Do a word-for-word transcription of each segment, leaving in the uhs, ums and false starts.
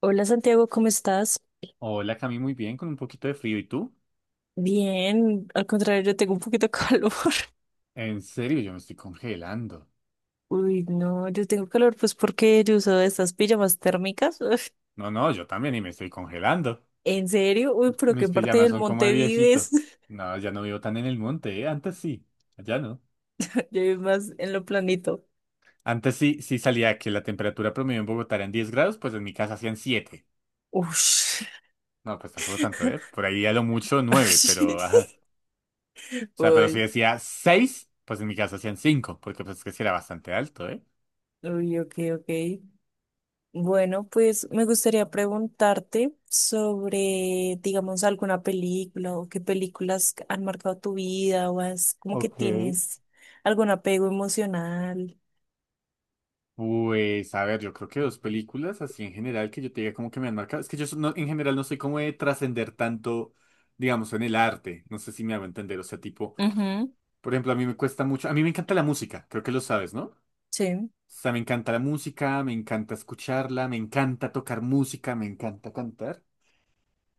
Hola, Santiago, ¿cómo estás? Hola, Cami, muy bien, con un poquito de frío. ¿Y tú? Bien, al contrario, yo tengo un poquito de calor. En serio, yo me estoy congelando. Uy, no, yo tengo calor pues porque yo uso estas pijamas térmicas. Uf. No, no, yo también y me estoy congelando. ¿En serio? Uy, pero ¿qué Mis parte pijamas del son como de monte vives? viejito. No, ya no vivo tan en el monte, ¿eh? Antes sí, ya no. Yo vivo más en lo planito. Antes sí, sí salía que la temperatura promedio en Bogotá era en diez grados, pues en mi casa hacían siete. Ush. No, pues tampoco tanto, ¿eh? Por ahí a lo mucho nueve, pero. Ajá. O sea, pero si Uy, decía seis, pues en mi casa hacían cinco, porque pues es que sí era bastante alto, ¿eh? uy, ok, ok. Bueno, pues me gustaría preguntarte sobre, digamos, alguna película o qué películas han marcado tu vida o es como que Ok. tienes algún apego emocional. Pues, a ver, yo creo que dos películas así en general que yo te diga como que me han marcado. Es que yo so- no- en general no soy como de trascender tanto, digamos, en el arte. No sé si me hago entender. O sea, tipo, Ujú, por ejemplo, a mí me cuesta mucho. A mí me encanta la música, creo que lo sabes, ¿no? O sí, sea, me encanta la música, me encanta escucharla, me encanta tocar música, me encanta cantar,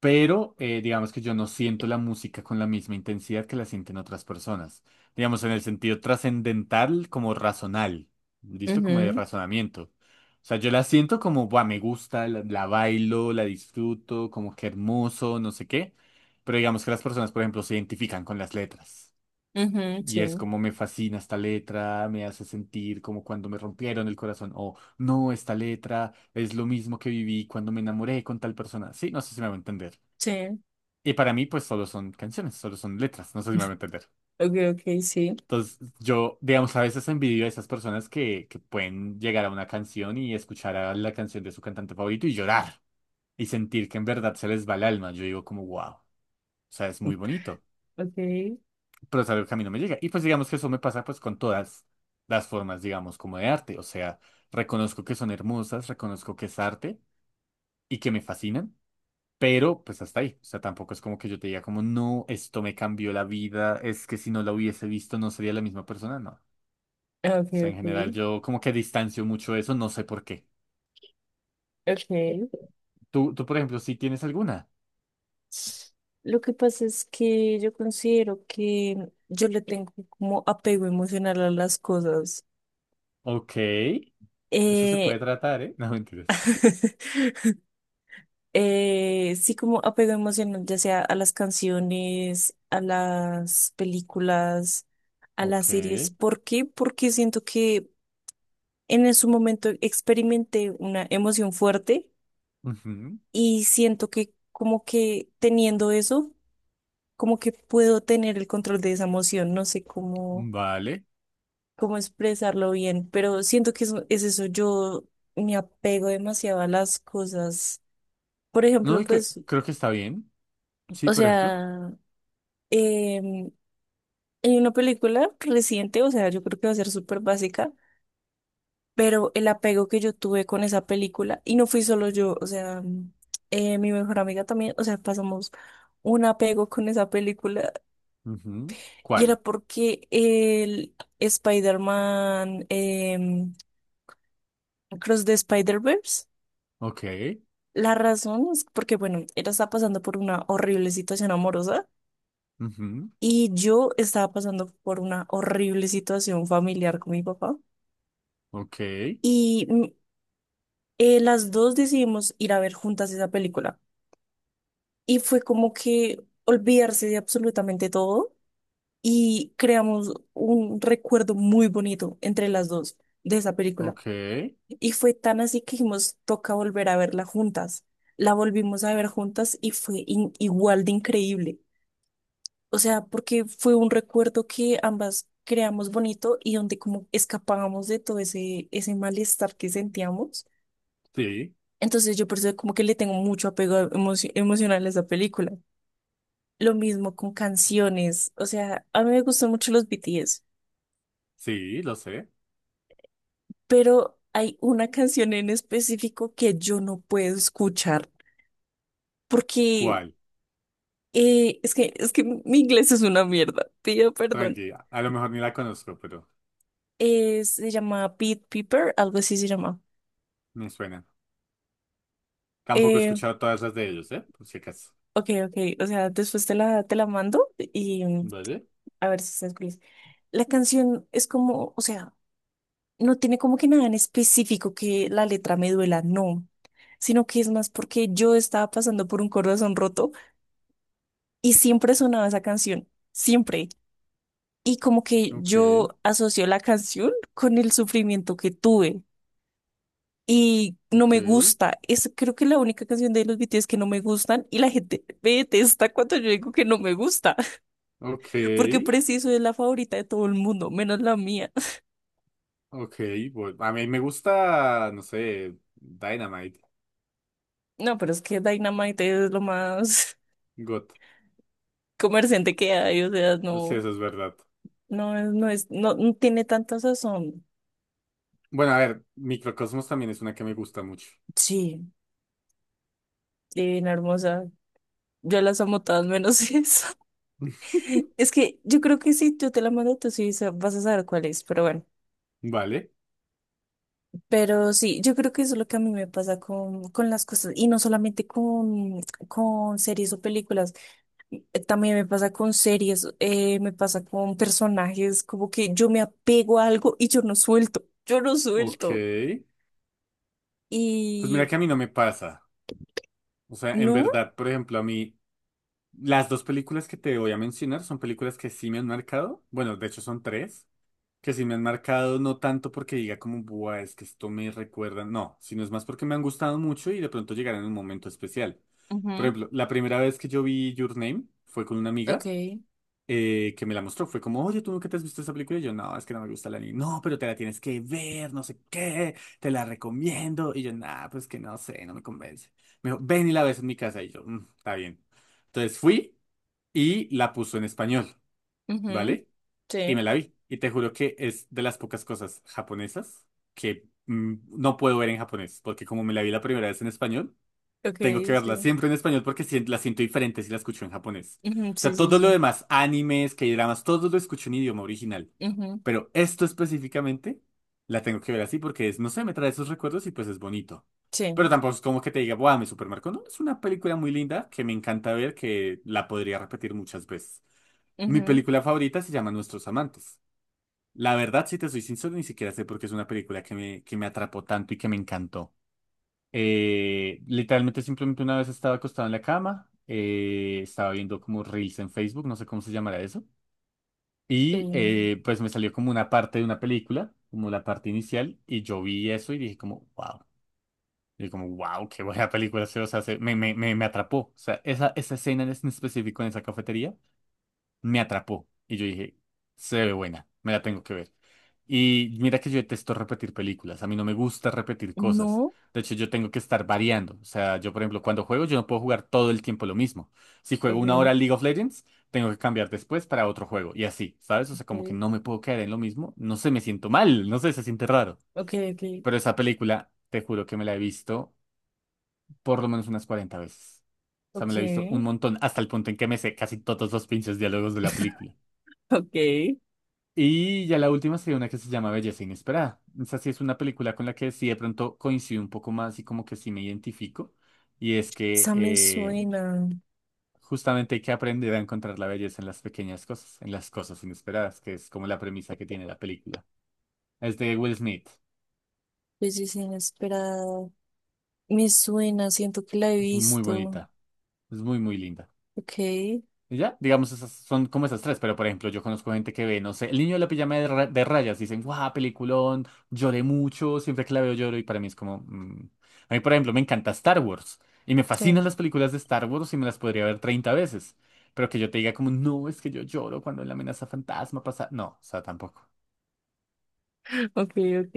pero eh, digamos que yo no siento la música con la misma intensidad que la sienten otras personas. Digamos, en el sentido trascendental como razonal, ¿listo? Como de ujú, razonamiento. O sea, yo la siento como, buah, me gusta, la, la bailo, la disfruto, como que hermoso, no sé qué. Pero digamos que las personas, por ejemplo, se identifican con las letras. ujú, Y sí, es como, me fascina esta letra, me hace sentir como cuando me rompieron el corazón, o no, esta letra es lo mismo que viví cuando me enamoré con tal persona. Sí, no sé si me va a entender. sí, Y para mí, pues solo son canciones, solo son letras, no sé si me van a entender. ok, ok, sí, Entonces, yo, digamos, a veces envidio a esas personas que, que pueden llegar a una canción y escuchar a la canción de su cantante favorito y llorar y sentir que en verdad se les va el alma. Yo digo como, wow, o sea, es muy ok, bonito, ok, pero es algo que a mí no me llega. Y pues digamos que eso me pasa pues con todas las formas, digamos, como de arte. O sea, reconozco que son hermosas, reconozco que es arte y que me fascinan, pero pues hasta ahí. O sea, tampoco es como que yo te diga como, no, esto me cambió la vida, es que si no la hubiese visto no sería la misma persona, no. O sea, en general ok, yo como que distancio mucho eso, no sé por qué. ok. Tú, tú por ejemplo, sí tienes alguna. Lo que pasa es que yo considero que yo le tengo como apego emocional a las cosas. Ok, eso se Eh, puede tratar, ¿eh? No, mentiras. eh, sí, como apego emocional, ya sea a las canciones, a las películas, a las Ok, series. ¿Por qué? Porque siento que en su momento experimenté una emoción fuerte ujú, y siento que como que teniendo eso, como que puedo tener el control de esa emoción. No sé cómo, vale. cómo expresarlo bien, pero siento que eso, es eso. Yo me apego demasiado a las cosas. Por No, ejemplo, y cre- pues, creo que está bien. Sí, o por ejemplo. sea, em, hay una película reciente, o sea, yo creo que va a ser súper básica, pero el apego que yo tuve con esa película, y no fui solo yo, o sea, eh, mi mejor amiga también, o sea, pasamos un apego con esa película, Ujú. y era ¿Cuál? porque el Spider-Man, em, Cross the Spider-Verse, Ok. la razón es porque, bueno, ella estaba pasando por una horrible situación amorosa, Ujú. y yo estaba pasando por una horrible situación familiar con mi papá, Ok. y... mm, eh, las dos decidimos ir a ver juntas esa película. Y fue como que olvidarse de absolutamente todo y creamos un recuerdo muy bonito entre las dos de esa película. Ok. Y fue tan así que dijimos, toca volver a verla juntas. La volvimos a ver juntas y fue in- igual de increíble. O sea, porque fue un recuerdo que ambas creamos bonito y donde como escapábamos de todo ese, ese malestar que sentíamos. Sí, Entonces yo por eso como que le tengo mucho apego emo- emocional a esa película. Lo mismo con canciones. O sea, a mí me gustan mucho los B T S, sí, lo sé. pero hay una canción en específico que yo no puedo escuchar porque ¿Cuál? eh, es que, es que mi inglés es una mierda. Pido perdón. Tranquila. A lo mejor ni la conozco, pero Eh, se llama Pete Piper, algo así se llama. me suena. Tampoco he Eh, escuchado todas las de ellos, ¿eh? Por si acaso. ok, ok. O sea, después te la, te la mando y mm, ¿Vale? a ver si estás feliz. La canción es como, o sea, no tiene como que nada en específico que la letra me duela, no, sino que es más porque yo estaba pasando por un corazón roto y siempre sonaba esa canción, siempre. Y como que Ok. yo asocio la canción con el sufrimiento que tuve y no Ok. me gusta. Es creo que la única canción de los B T S que no me gustan y la gente me detesta cuando yo digo que no me gusta, Ok. porque preciso es la favorita de todo el mundo, menos la mía. Ok. Bu- a mí me gusta, no sé, Dynamite. No, pero es que Dynamite es lo más God. comerciante que hay, o sea, No sé, no. eso es verdad. No, es- no es, no, no tiene tanta sazón. Bueno, a ver, Microcosmos también es una que me gusta mucho. Sí, divina, hermosa. Yo las amo todas menos esa. Es que yo creo que si yo te la mando, tú sí sa- vas a saber cuál es, pero bueno. Vale. Pero sí, yo creo que eso es lo que a mí me pasa con, con las cosas, y no solamente con, con series o películas, eh, también me pasa con series, eh, me pasa con personajes, como que yo me apego a algo y yo no suelto, yo no Ok. suelto. Pues Y mira que a mí no me pasa. O sea, en no, verdad, por ejemplo, a mí, las dos películas que te voy a mencionar son películas que sí me han marcado. Bueno, de hecho son tres, que sí me han marcado, no tanto porque diga como, buah, es que esto me recuerda, no, sino es más porque me han gustado mucho y de pronto llegarán en un momento especial. Por ujú. ejemplo, la primera vez que yo vi Your Name fue con una Ok, amiga eh, que me la mostró. Fue como, oye, ¿tú nunca te has visto esta película? Y yo, no, es que no me gusta el anime. No, pero te la tienes que ver, no sé qué, te la recomiendo. Y yo, nah, pues que no sé, no me convence. Me dijo, ven y la ves en mi casa. Y yo, "Mm, está bien." Entonces fui y la puso en español, ujú, ¿vale? Y sí. me la vi. Y te juro que es de las pocas cosas japonesas que mm, no puedo ver en japonés, porque como me la vi la primera vez en español, Ok, tengo que sí. verla siempre en español porque sien- la siento diferente si la escucho en japonés. Ujú, O sí, sea, sí, todo sí. lo demás, animes, K-dramas, todo lo escucho en idioma original. Ujú, Pero esto específicamente la tengo que ver así porque es, no sé, me trae esos recuerdos y pues es bonito. Pero sí. tampoco es como que te diga, ¡buah, me supermarco! No, es una película muy linda que me encanta ver, que la podría repetir muchas veces. Mi Ujú, película favorita se llama Nuestros Amantes. La verdad, si te soy sincero, ni siquiera sé por qué es una película que me, que me atrapó tanto y que me encantó. Eh, literalmente simplemente una vez estaba acostado en la cama, eh, estaba viendo como Reels en Facebook, no sé cómo se llamará eso, y eh, eh, pues me salió como una parte de una película, como la parte inicial, y yo vi eso y dije como, wow, y como, wow, qué buena película, se- o sea, se- me, me, me, me atrapó, o sea, esa, esa escena en específico en esa cafetería me atrapó. Y yo dije, se ve buena, me la tengo que ver. Y mira que yo detesto repetir películas, a mí no me gusta repetir cosas. no. De hecho, yo tengo que estar variando. O sea, yo, por ejemplo, cuando juego, yo no puedo jugar todo el tiempo lo mismo. Si juego una hora Ok, League of Legends, tengo que cambiar después para otro juego. Y así, ¿sabes? O sea, como que ok, no me puedo quedar en lo mismo. No sé, me siento mal, no sé, se siente raro. ok, Pero esa película, te juro que me la he visto por lo menos unas cuarenta veces. O ok, sea, me la he visto un ok. montón, hasta el punto en que me sé casi todos los pinches diálogos de la película. Ok. Y ya la última sería una que se llama Belleza Inesperada. Esa sí es una película con la que sí de pronto coincido un poco más y como que sí me identifico. Y es que Esa me eh, suena. justamente hay que aprender a encontrar la belleza en las pequeñas cosas, en las cosas inesperadas, que es como la premisa que tiene la película. Es de Will Smith. Belleza Inesperada. Me suena, siento que la he Es muy visto. bonita. Es muy, muy linda. Ok, sí. Y ya, digamos, esas son como esas tres, pero por ejemplo, yo conozco gente que ve, no sé, El niño de la pijama de, ra- de rayas, dicen, guau, peliculón, lloré mucho, siempre que la veo lloro, y para mí es como, mm. A mí, por ejemplo, me encanta Star Wars, y me fascinan las películas de Star Wars y me las podría ver treinta veces, pero que yo te diga como, no, es que yo lloro cuando en la amenaza fantasma pasa, no, o sea, tampoco. Ok, ok.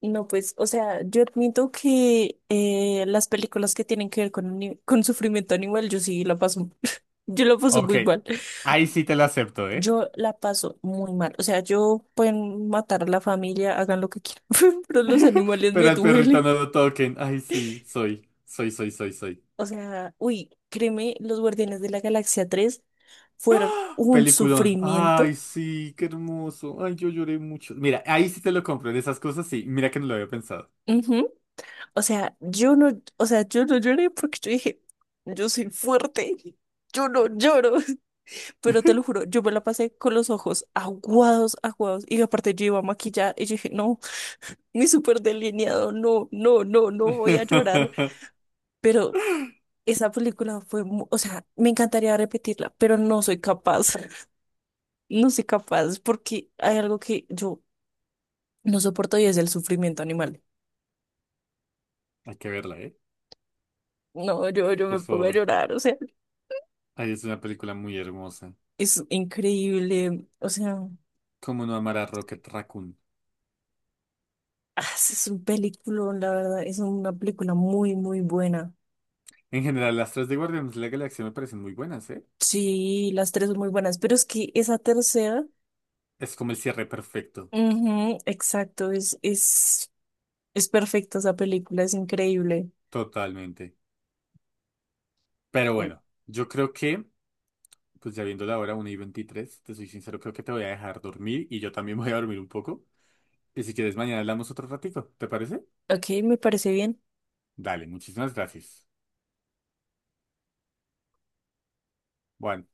No, pues, o sea, yo admito que eh, las películas que tienen que ver con, ani- con sufrimiento animal, yo sí la paso. Yo la paso Ok, muy mal. ahí sí te lo acepto, ¿eh? Yo la paso muy mal. O sea, yo pueden matar a la familia, hagan lo que quieran, pero los animales me Pero al perrito no duelen. lo toquen, ay sí, soy, soy, soy, soy, soy. O sea, uy, créeme, los Guardianes de la Galaxia tres fueron un Peliculón. sufrimiento. Ay, sí, qué hermoso. Ay, yo lloré mucho. Mira, ahí sí te lo compro. En esas cosas sí. Mira que no lo había pensado. Ujú. O sea, yo no, o sea, yo no lloré porque yo dije, yo soy fuerte, yo no lloro. Pero te lo juro, yo me la pasé con los ojos aguados, aguados. Y aparte yo iba maquillada y yo dije, no, mi súper delineado, no, no, no, no voy a llorar. Pero esa película fue, mu- o sea, me encantaría repetirla, pero no soy capaz, no soy capaz porque hay algo que yo no soporto y es el sufrimiento animal. Hay que verla, ¿eh? No, yo, yo Por me pongo a favor. llorar, o sea, Ay, es una película muy hermosa. es increíble, o sea, ¿Cómo no amar a Rocket Raccoon? ah, es un película, la verdad, es una película muy, muy buena. En general, las tres de Guardianes de la Galaxia me parecen muy buenas, ¿eh? Sí, las tres son muy buenas, pero es que esa tercera, Es como el cierre perfecto. ujú, exacto, es, es, es perfecta esa película, es increíble. Totalmente. Pero Y- bueno, yo creo que, pues ya viendo la hora una y veintitrés, te soy sincero, creo que te voy a dejar dormir y yo también voy a dormir un poco. Y si quieres, mañana hablamos otro ratito, ¿te parece? Ok, me parece bien. Dale, muchísimas gracias. Bueno,